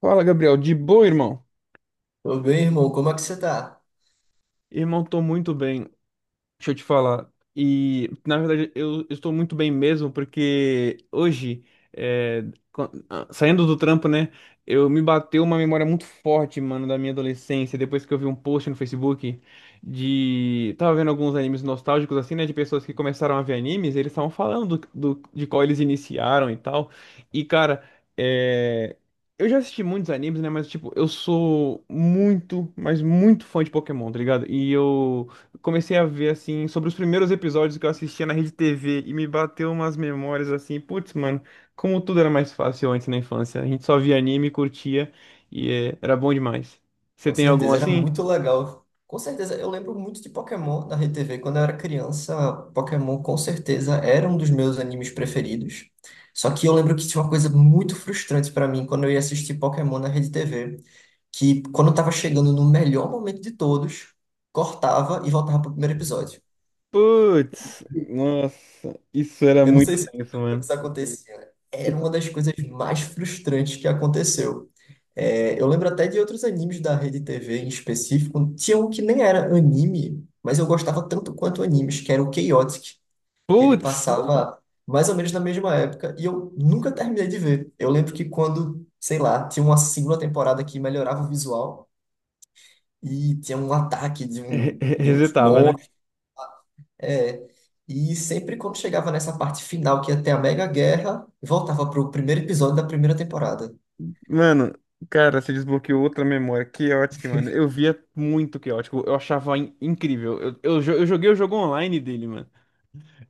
Fala, Gabriel. De boa, irmão? Tô bem, irmão. Como é que você tá? Irmão, tô muito bem. Deixa eu te falar. E, na verdade, eu estou muito bem mesmo, porque hoje, é, saindo do trampo, né, eu me bateu uma memória muito forte, mano, da minha adolescência, depois que eu vi um post no Facebook de... Tava vendo alguns animes nostálgicos, assim, né, de pessoas que começaram a ver animes, eles estavam falando de qual eles iniciaram e tal. E, cara, é... Eu já assisti muitos animes, né? Mas, tipo, eu sou muito, mas muito fã de Pokémon, tá ligado? E eu comecei a ver, assim, sobre os primeiros episódios que eu assistia na Rede TV e me bateu umas memórias assim, putz, mano, como tudo era mais fácil antes na infância. A gente só via anime, curtia e é, era bom demais. Você Com tem algum certeza, era assim? muito legal. Com certeza, eu lembro muito de Pokémon da Rede TV. Quando eu era criança, Pokémon com certeza era um dos meus animes preferidos. Só que eu lembro que tinha uma coisa muito frustrante pra mim quando eu ia assistir Pokémon na Rede TV, que quando eu tava chegando no melhor momento de todos, cortava e voltava pro primeiro episódio. Putz, nossa, isso era Eu não muito sei se tu tenso, lembra que mano. isso acontecia. Era Isso, uma das coisas mais frustrantes que aconteceu. É, eu lembro até de outros animes da Rede TV em específico. Tinha um que nem era anime, mas eu gostava tanto quanto animes, que era o Chaotic, que ele putz, passava mais ou menos na mesma época, e eu nunca terminei de ver. Eu lembro que quando, sei lá, tinha uma segunda temporada que melhorava o visual, e tinha um ataque de, um, de uns resetava, né? é, e sempre quando chegava nessa parte final, que ia ter a mega guerra, voltava pro primeiro episódio da primeira temporada. Mano, cara, você desbloqueou outra memória. Chaotic, mano. Eu via muito Chaotic. Eu achava incrível. Eu joguei o jogo online dele, mano.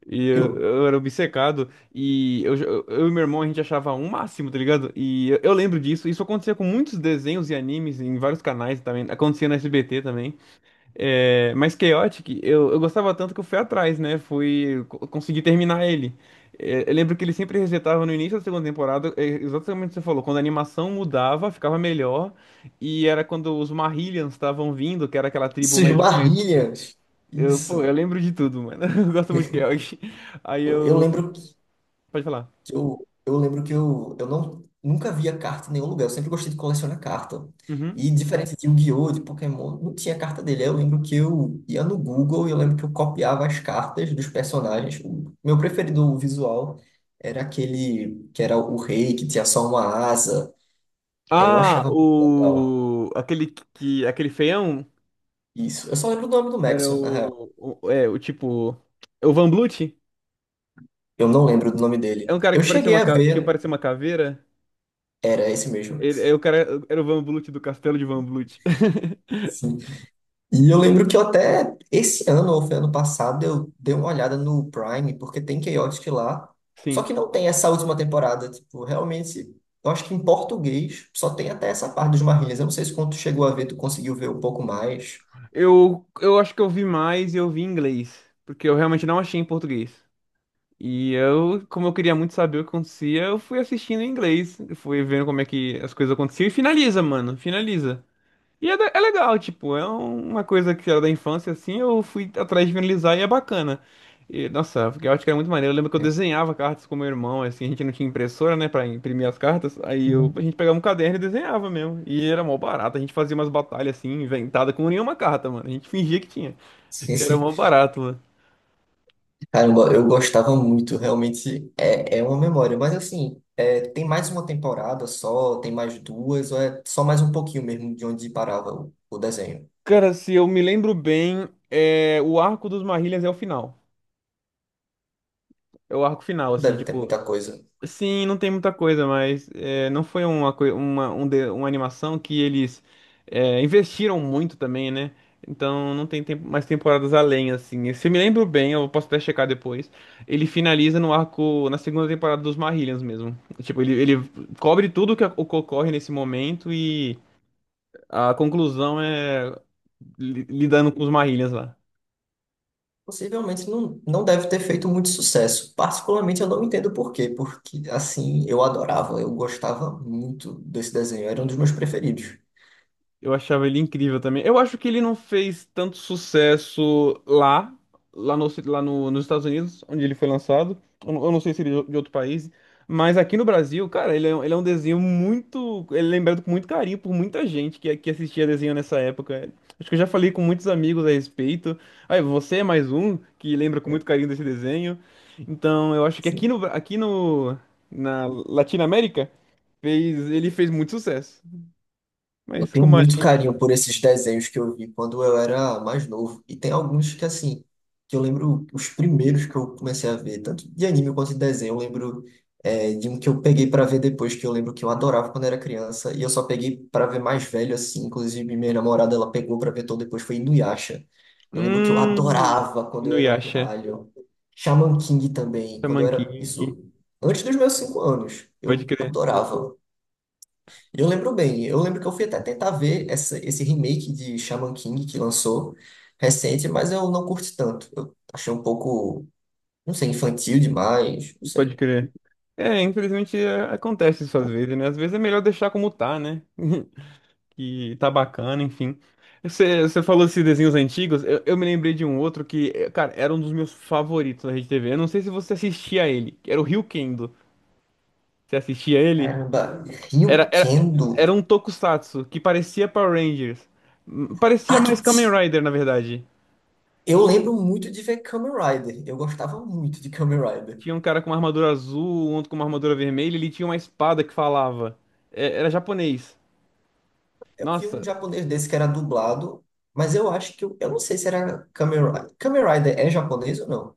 E eu, Eu, eu era obcecado. E eu e meu irmão, a gente achava um máximo, tá ligado? E eu lembro disso. Isso acontecia com muitos desenhos e animes em vários canais também. Acontecia na SBT também. É, mas Chaotic, eu gostava tanto que eu fui atrás, né? Consegui terminar ele. É, eu lembro que ele sempre resetava no início da segunda temporada, é, exatamente o que você falou, quando a animação mudava, ficava melhor, e era quando os Marillions estavam vindo, que era aquela tribo isso, mais desconhecida. esbarrilhas! Eu, pô, eu Isso. lembro de tudo, mano. Eu gosto muito de Kelg. Aí Eu, eu eu. lembro que Pode falar. eu lembro que eu não, nunca via carta em nenhum lugar. Eu sempre gostei de colecionar carta. Uhum. E diferente de Yu-Gi-Oh!, de Pokémon, não tinha carta dele. Aí eu lembro que eu ia no Google e eu lembro que eu copiava as cartas dos personagens. O meu preferido visual era aquele que era o rei, que tinha só uma asa. É, eu Ah, achava muito legal o. Aquele que. Aquele feião isso. Eu só lembro do nome do era Maxwell, na real. o. O tipo. É o Van Blut? Eu não lembro do nome É dele. um cara Eu que parecia cheguei a que ver, parecia uma caveira. era esse mesmo. Ele, é o cara, era o Van Blut do Castelo de Van Blut. Sim. E eu lembro que eu até esse ano, ou foi ano passado, eu dei uma olhada no Prime, porque tem Chaotic lá. Só Sim. que não tem essa última temporada. Tipo, realmente, eu acho que em português só tem até essa parte dos Marlinhas. Eu não sei se quando tu chegou a ver, tu conseguiu ver um pouco mais. Eu acho que eu vi mais e eu vi em inglês. Porque eu realmente não achei em português. E eu, como eu queria muito saber o que acontecia, eu fui assistindo em inglês, fui vendo como é que as coisas aconteciam e finaliza, mano, finaliza. E é, é legal, tipo, é uma coisa que era da infância, assim, eu fui atrás de finalizar e é bacana. E, nossa, porque eu acho que era muito maneiro. Eu lembro que eu desenhava cartas com meu irmão, assim, a gente não tinha impressora, né, pra imprimir as cartas. Aí eu, a Hum. gente pegava um caderno e desenhava mesmo. E era mó barato, a gente fazia umas batalhas, assim, inventada com nenhuma carta, mano. A gente fingia que tinha. Era mó barato. Caramba, eu gostava muito, realmente é uma memória, mas assim, tem mais uma temporada só, tem mais duas, ou é só mais um pouquinho mesmo de onde parava o desenho. Cara, se eu me lembro bem, é, o arco dos Marrilhas é o final. É o arco final, Não assim, deve ter tipo. muita coisa. Sim, não tem muita coisa, mas é, não foi uma, coi- uma, um de- uma animação que eles é, investiram muito também, né? Então não tem tempo- mais temporadas além, assim. Se eu me lembro bem, eu posso até checar depois. Ele finaliza no arco, na segunda temporada dos Marrillians mesmo. Tipo, ele cobre tudo que o que ocorre nesse momento e a conclusão é lidando com os Marrillians lá. Possivelmente não deve ter feito muito sucesso. Particularmente eu não entendo por quê, porque assim, eu adorava, eu gostava muito desse desenho, era um dos meus preferidos. Eu achava ele incrível também. Eu acho que ele não fez tanto sucesso lá, nos Estados Unidos, onde ele foi lançado. Eu não sei se ele é de outro país. Mas aqui no Brasil, cara, ele é, ele é um desenho muito. Ele é lembrado com muito carinho por muita gente que assistia desenho nessa época. Acho que eu já falei com muitos amigos a respeito. Aí, você é mais um que lembra com É. muito carinho desse desenho. Então, eu acho que aqui no, Bra- aqui no, na Latinoamérica, fez, ele fez muito sucesso. Eu Mas tenho como a muito gente. carinho por esses desenhos que eu vi quando eu era mais novo. E tem alguns que, assim, que eu lembro os primeiros que eu comecei a ver, tanto de anime quanto de desenho. Eu lembro, de um que eu peguei para ver depois, que eu lembro que eu adorava quando era criança. E eu só peguei para ver mais velho, assim. Inclusive, minha namorada, ela pegou para ver todo depois, foi Inuyasha. Eu lembro que eu Hum, adorava quando eu era Inuyasha, pirralho. Shaman King também, quando eu Shaman era... King, Isso antes dos meus 5 anos. pode Eu crer, adorava. Eu lembro bem, eu lembro que eu fui até tentar ver esse remake de Shaman King que lançou recente, mas eu não curti tanto. Eu achei um pouco, não sei, infantil demais, não pode sei. crer. É, infelizmente é, acontece isso às vezes, né? Às vezes é melhor deixar como tá, né? Que tá bacana, enfim. Você falou desses desenhos antigos, eu me lembrei de um outro que, cara, era um dos meus favoritos da Rede RedeTV. Eu não sei se você assistia a ele, que era o Ryukendo. Você assistia a ele? Caramba, Ryu Era, era, Kendo. era um tokusatsu que parecia Power Rangers. Parecia Ah, mais Kamen Rider, na verdade. eu lembro muito de ver Kamen Rider. Eu gostava muito de Kamen Rider. Tinha um cara com uma armadura azul, um outro com uma armadura vermelha, ele tinha uma espada que falava. É, era japonês. Eu vi um Nossa, japonês desse que era dublado, mas eu acho que eu não sei se era Kamen Rider. Kamen Rider é japonês ou não?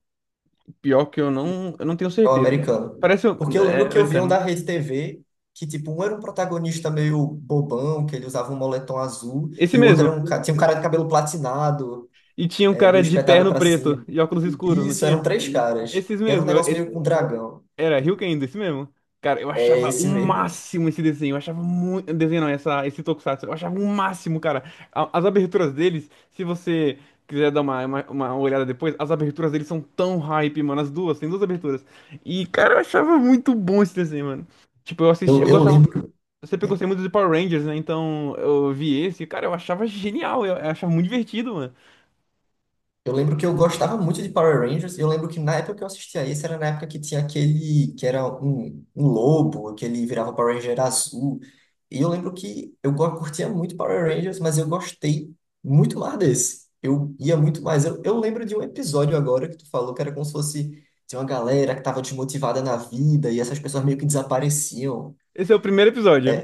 pior que eu não tenho É o certeza. americano. Parece Porque eu lembro é, que eu vi um americano, né? da Rede TV que, tipo, um era um protagonista meio bobão, que ele usava um moletom azul, Esse e o outro mesmo. era tinha um cara de cabelo platinado, E tinha um meio cara de espetado terno pra cima. preto e óculos escuros, não Isso, eram tinha? três caras. Esses E era um mesmo. negócio meio com dragão. Era Ryuken, desse mesmo. Cara, eu É achava o esse mesmo. máximo esse desenho. Eu achava muito. Desenho não, essa, esse tokusatsu. Eu achava o máximo, cara. As aberturas deles, se você quiser dar uma olhada depois, as aberturas deles são tão hype, mano. As duas, tem duas aberturas. E, cara, eu achava muito bom esse desenho, mano. Tipo, eu assisti, Eu, eu eu gostava. lembro. Eu sempre gostei muito de Power Rangers, né? Então eu vi esse, cara, eu achava genial. Eu achava muito divertido, mano. Eu lembro que eu gostava muito de Power Rangers, e eu lembro que na época que eu assistia isso, era na época que tinha aquele, que era um lobo, que ele virava Power Ranger azul. E eu lembro que eu curtia muito Power Rangers, mas eu gostei muito mais desse. Eu ia muito mais. Eu lembro de um episódio agora que tu falou que era como se fosse de uma galera que tava desmotivada na vida, e essas pessoas meio que desapareciam. Esse é o primeiro episódio.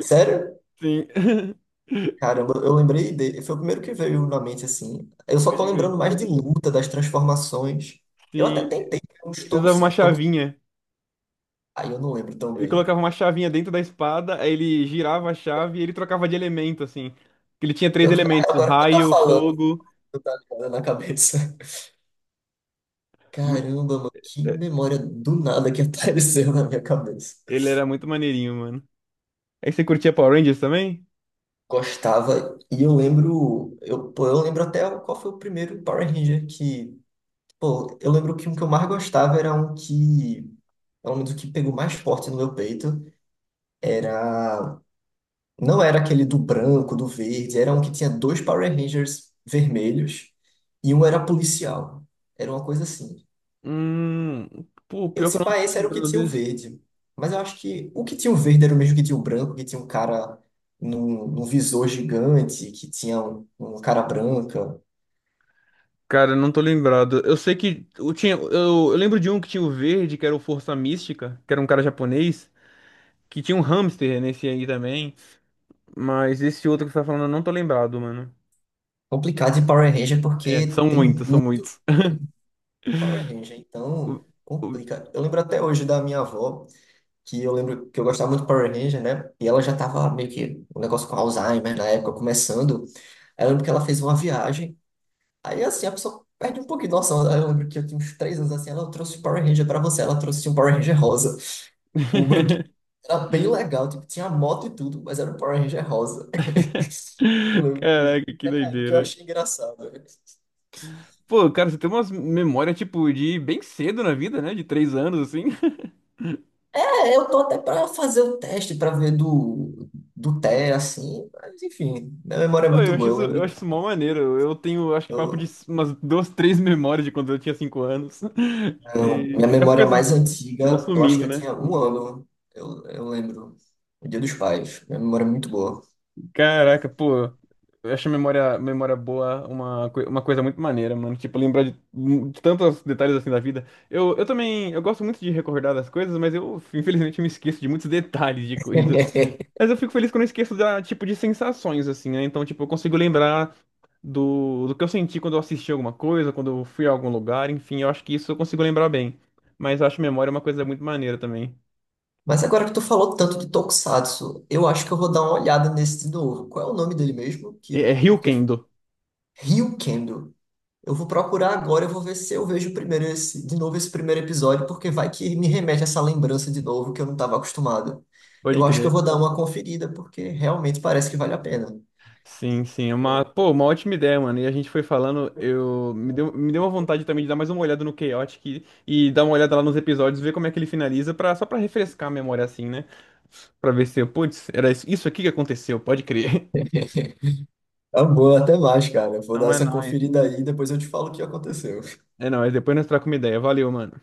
Sério? Sim. Caramba, eu lembrei dele. Foi o primeiro que veio na mente, assim. Eu só tô Pode crer. lembrando mais de luta, das transformações. Eu até Sim, tentei né, uns ele usava uma tokusai, chavinha. eu não lembro tão Ele bem. colocava uma chavinha dentro da espada, aí ele girava a chave e ele trocava de elemento, assim. Que ele tinha três Pior que na elementos, real, agora que tu tá raio, falando, fogo. tu tá ligado na cabeça. mu- Caramba, mano, que é, memória do nada que apareceu na minha cabeça. Ele era muito maneirinho, mano. Aí você curtia Power Rangers também? Gostava, e eu lembro, pô, eu lembro até qual foi o primeiro Power Ranger que, pô, eu lembro que um que eu mais gostava era um que, pelo menos o que pegou mais forte no meu peito, era não era aquele do branco, do verde, era um que tinha dois Power Rangers vermelhos e um era policial. Era uma coisa assim. Hum, pô, Eu, pior que eu se pá, não tô esse era o que lembrando tinha o desse. verde. Mas eu acho que o que tinha o verde era o mesmo que tinha o branco, que tinha um cara num visor gigante, que tinha um cara branca. Cara, não tô lembrado. Eu sei que eu lembro de um que tinha o verde, que era o Força Mística, que era um cara japonês, que tinha um hamster nesse aí também. Mas esse outro que você tá falando, eu não tô lembrado, mano. Complicado de Power Ranger É, porque são tem muitos, são muito, muitos. tem muito Power Ranger, O- então o- complica. Eu lembro até hoje da minha avó, que eu lembro que eu gostava muito de Power Ranger, né? E ela já tava meio que um negócio com Alzheimer na época, começando. Aí eu lembro que ela fez uma viagem. Aí assim, a pessoa perde um pouquinho de noção. Aí eu lembro que eu tinha uns 3 anos assim, ela trouxe o Power Ranger pra você, ela trouxe um Power Ranger rosa. O brinquedo era bem legal, tipo, tinha moto e tudo, mas era um Power Ranger rosa. Eu lembro que Caraca, que até na época eu doideira. achei engraçado. Pô, cara, você tem umas memórias, tipo, de bem cedo na vida, né? De 3 anos, assim. É, eu tô até pra fazer um teste pra ver do, Té, assim, mas enfim, minha memória é Pô, muito boa. Eu lembro. eu acho isso mó maneiro. Eu tenho, acho que papo de Eu umas duas, três memórias de quando eu tinha 5 anos. Não, minha E que as memória coisas mais vão antiga, eu acho que sumindo, eu né? tinha 1 ano, eu lembro. O Dia dos Pais. Minha memória é muito boa. Caraca, pô. Eu acho a memória boa uma coisa muito maneira, mano. Tipo, lembrar de tantos detalhes assim da vida. Eu também, eu gosto muito de recordar das coisas, mas eu, infelizmente, me esqueço de muitos detalhes de coisas. Mas eu fico feliz quando eu esqueço da, tipo, de sensações, assim, né? Então, tipo, eu consigo lembrar do que eu senti quando eu assisti alguma coisa, quando eu fui a algum lugar, enfim, eu acho que isso eu consigo lembrar bem. Mas eu acho memória uma coisa muito maneira também. Mas agora que tu falou tanto de Tokusatsu, eu acho que eu vou dar uma olhada nesse de novo. Qual é o nome dele mesmo? É, Que, é porque Ryukendo, Ryukendo. Eu vou procurar agora, eu vou ver se eu vejo primeiro esse, de novo esse primeiro episódio, porque vai que me remete a essa lembrança de novo que eu não estava acostumado. Eu pode acho que eu crer. vou dar uma conferida, porque realmente parece que vale a pena. Sim, sim, é uma, pô, uma ótima ideia, mano. E a gente foi falando, me deu uma vontade também de dar mais uma olhada no Chaotic e dar uma olhada lá nos episódios, ver como é que ele finaliza, pra, só pra refrescar a memória assim, né? Pra ver se eu, putz, era isso aqui que aconteceu, pode crer. Tá bom, até mais, cara. Vou dar Não é essa nóis. conferida aí e depois eu te falo o que aconteceu. É nóis, depois nós trocamos uma ideia. Valeu, mano.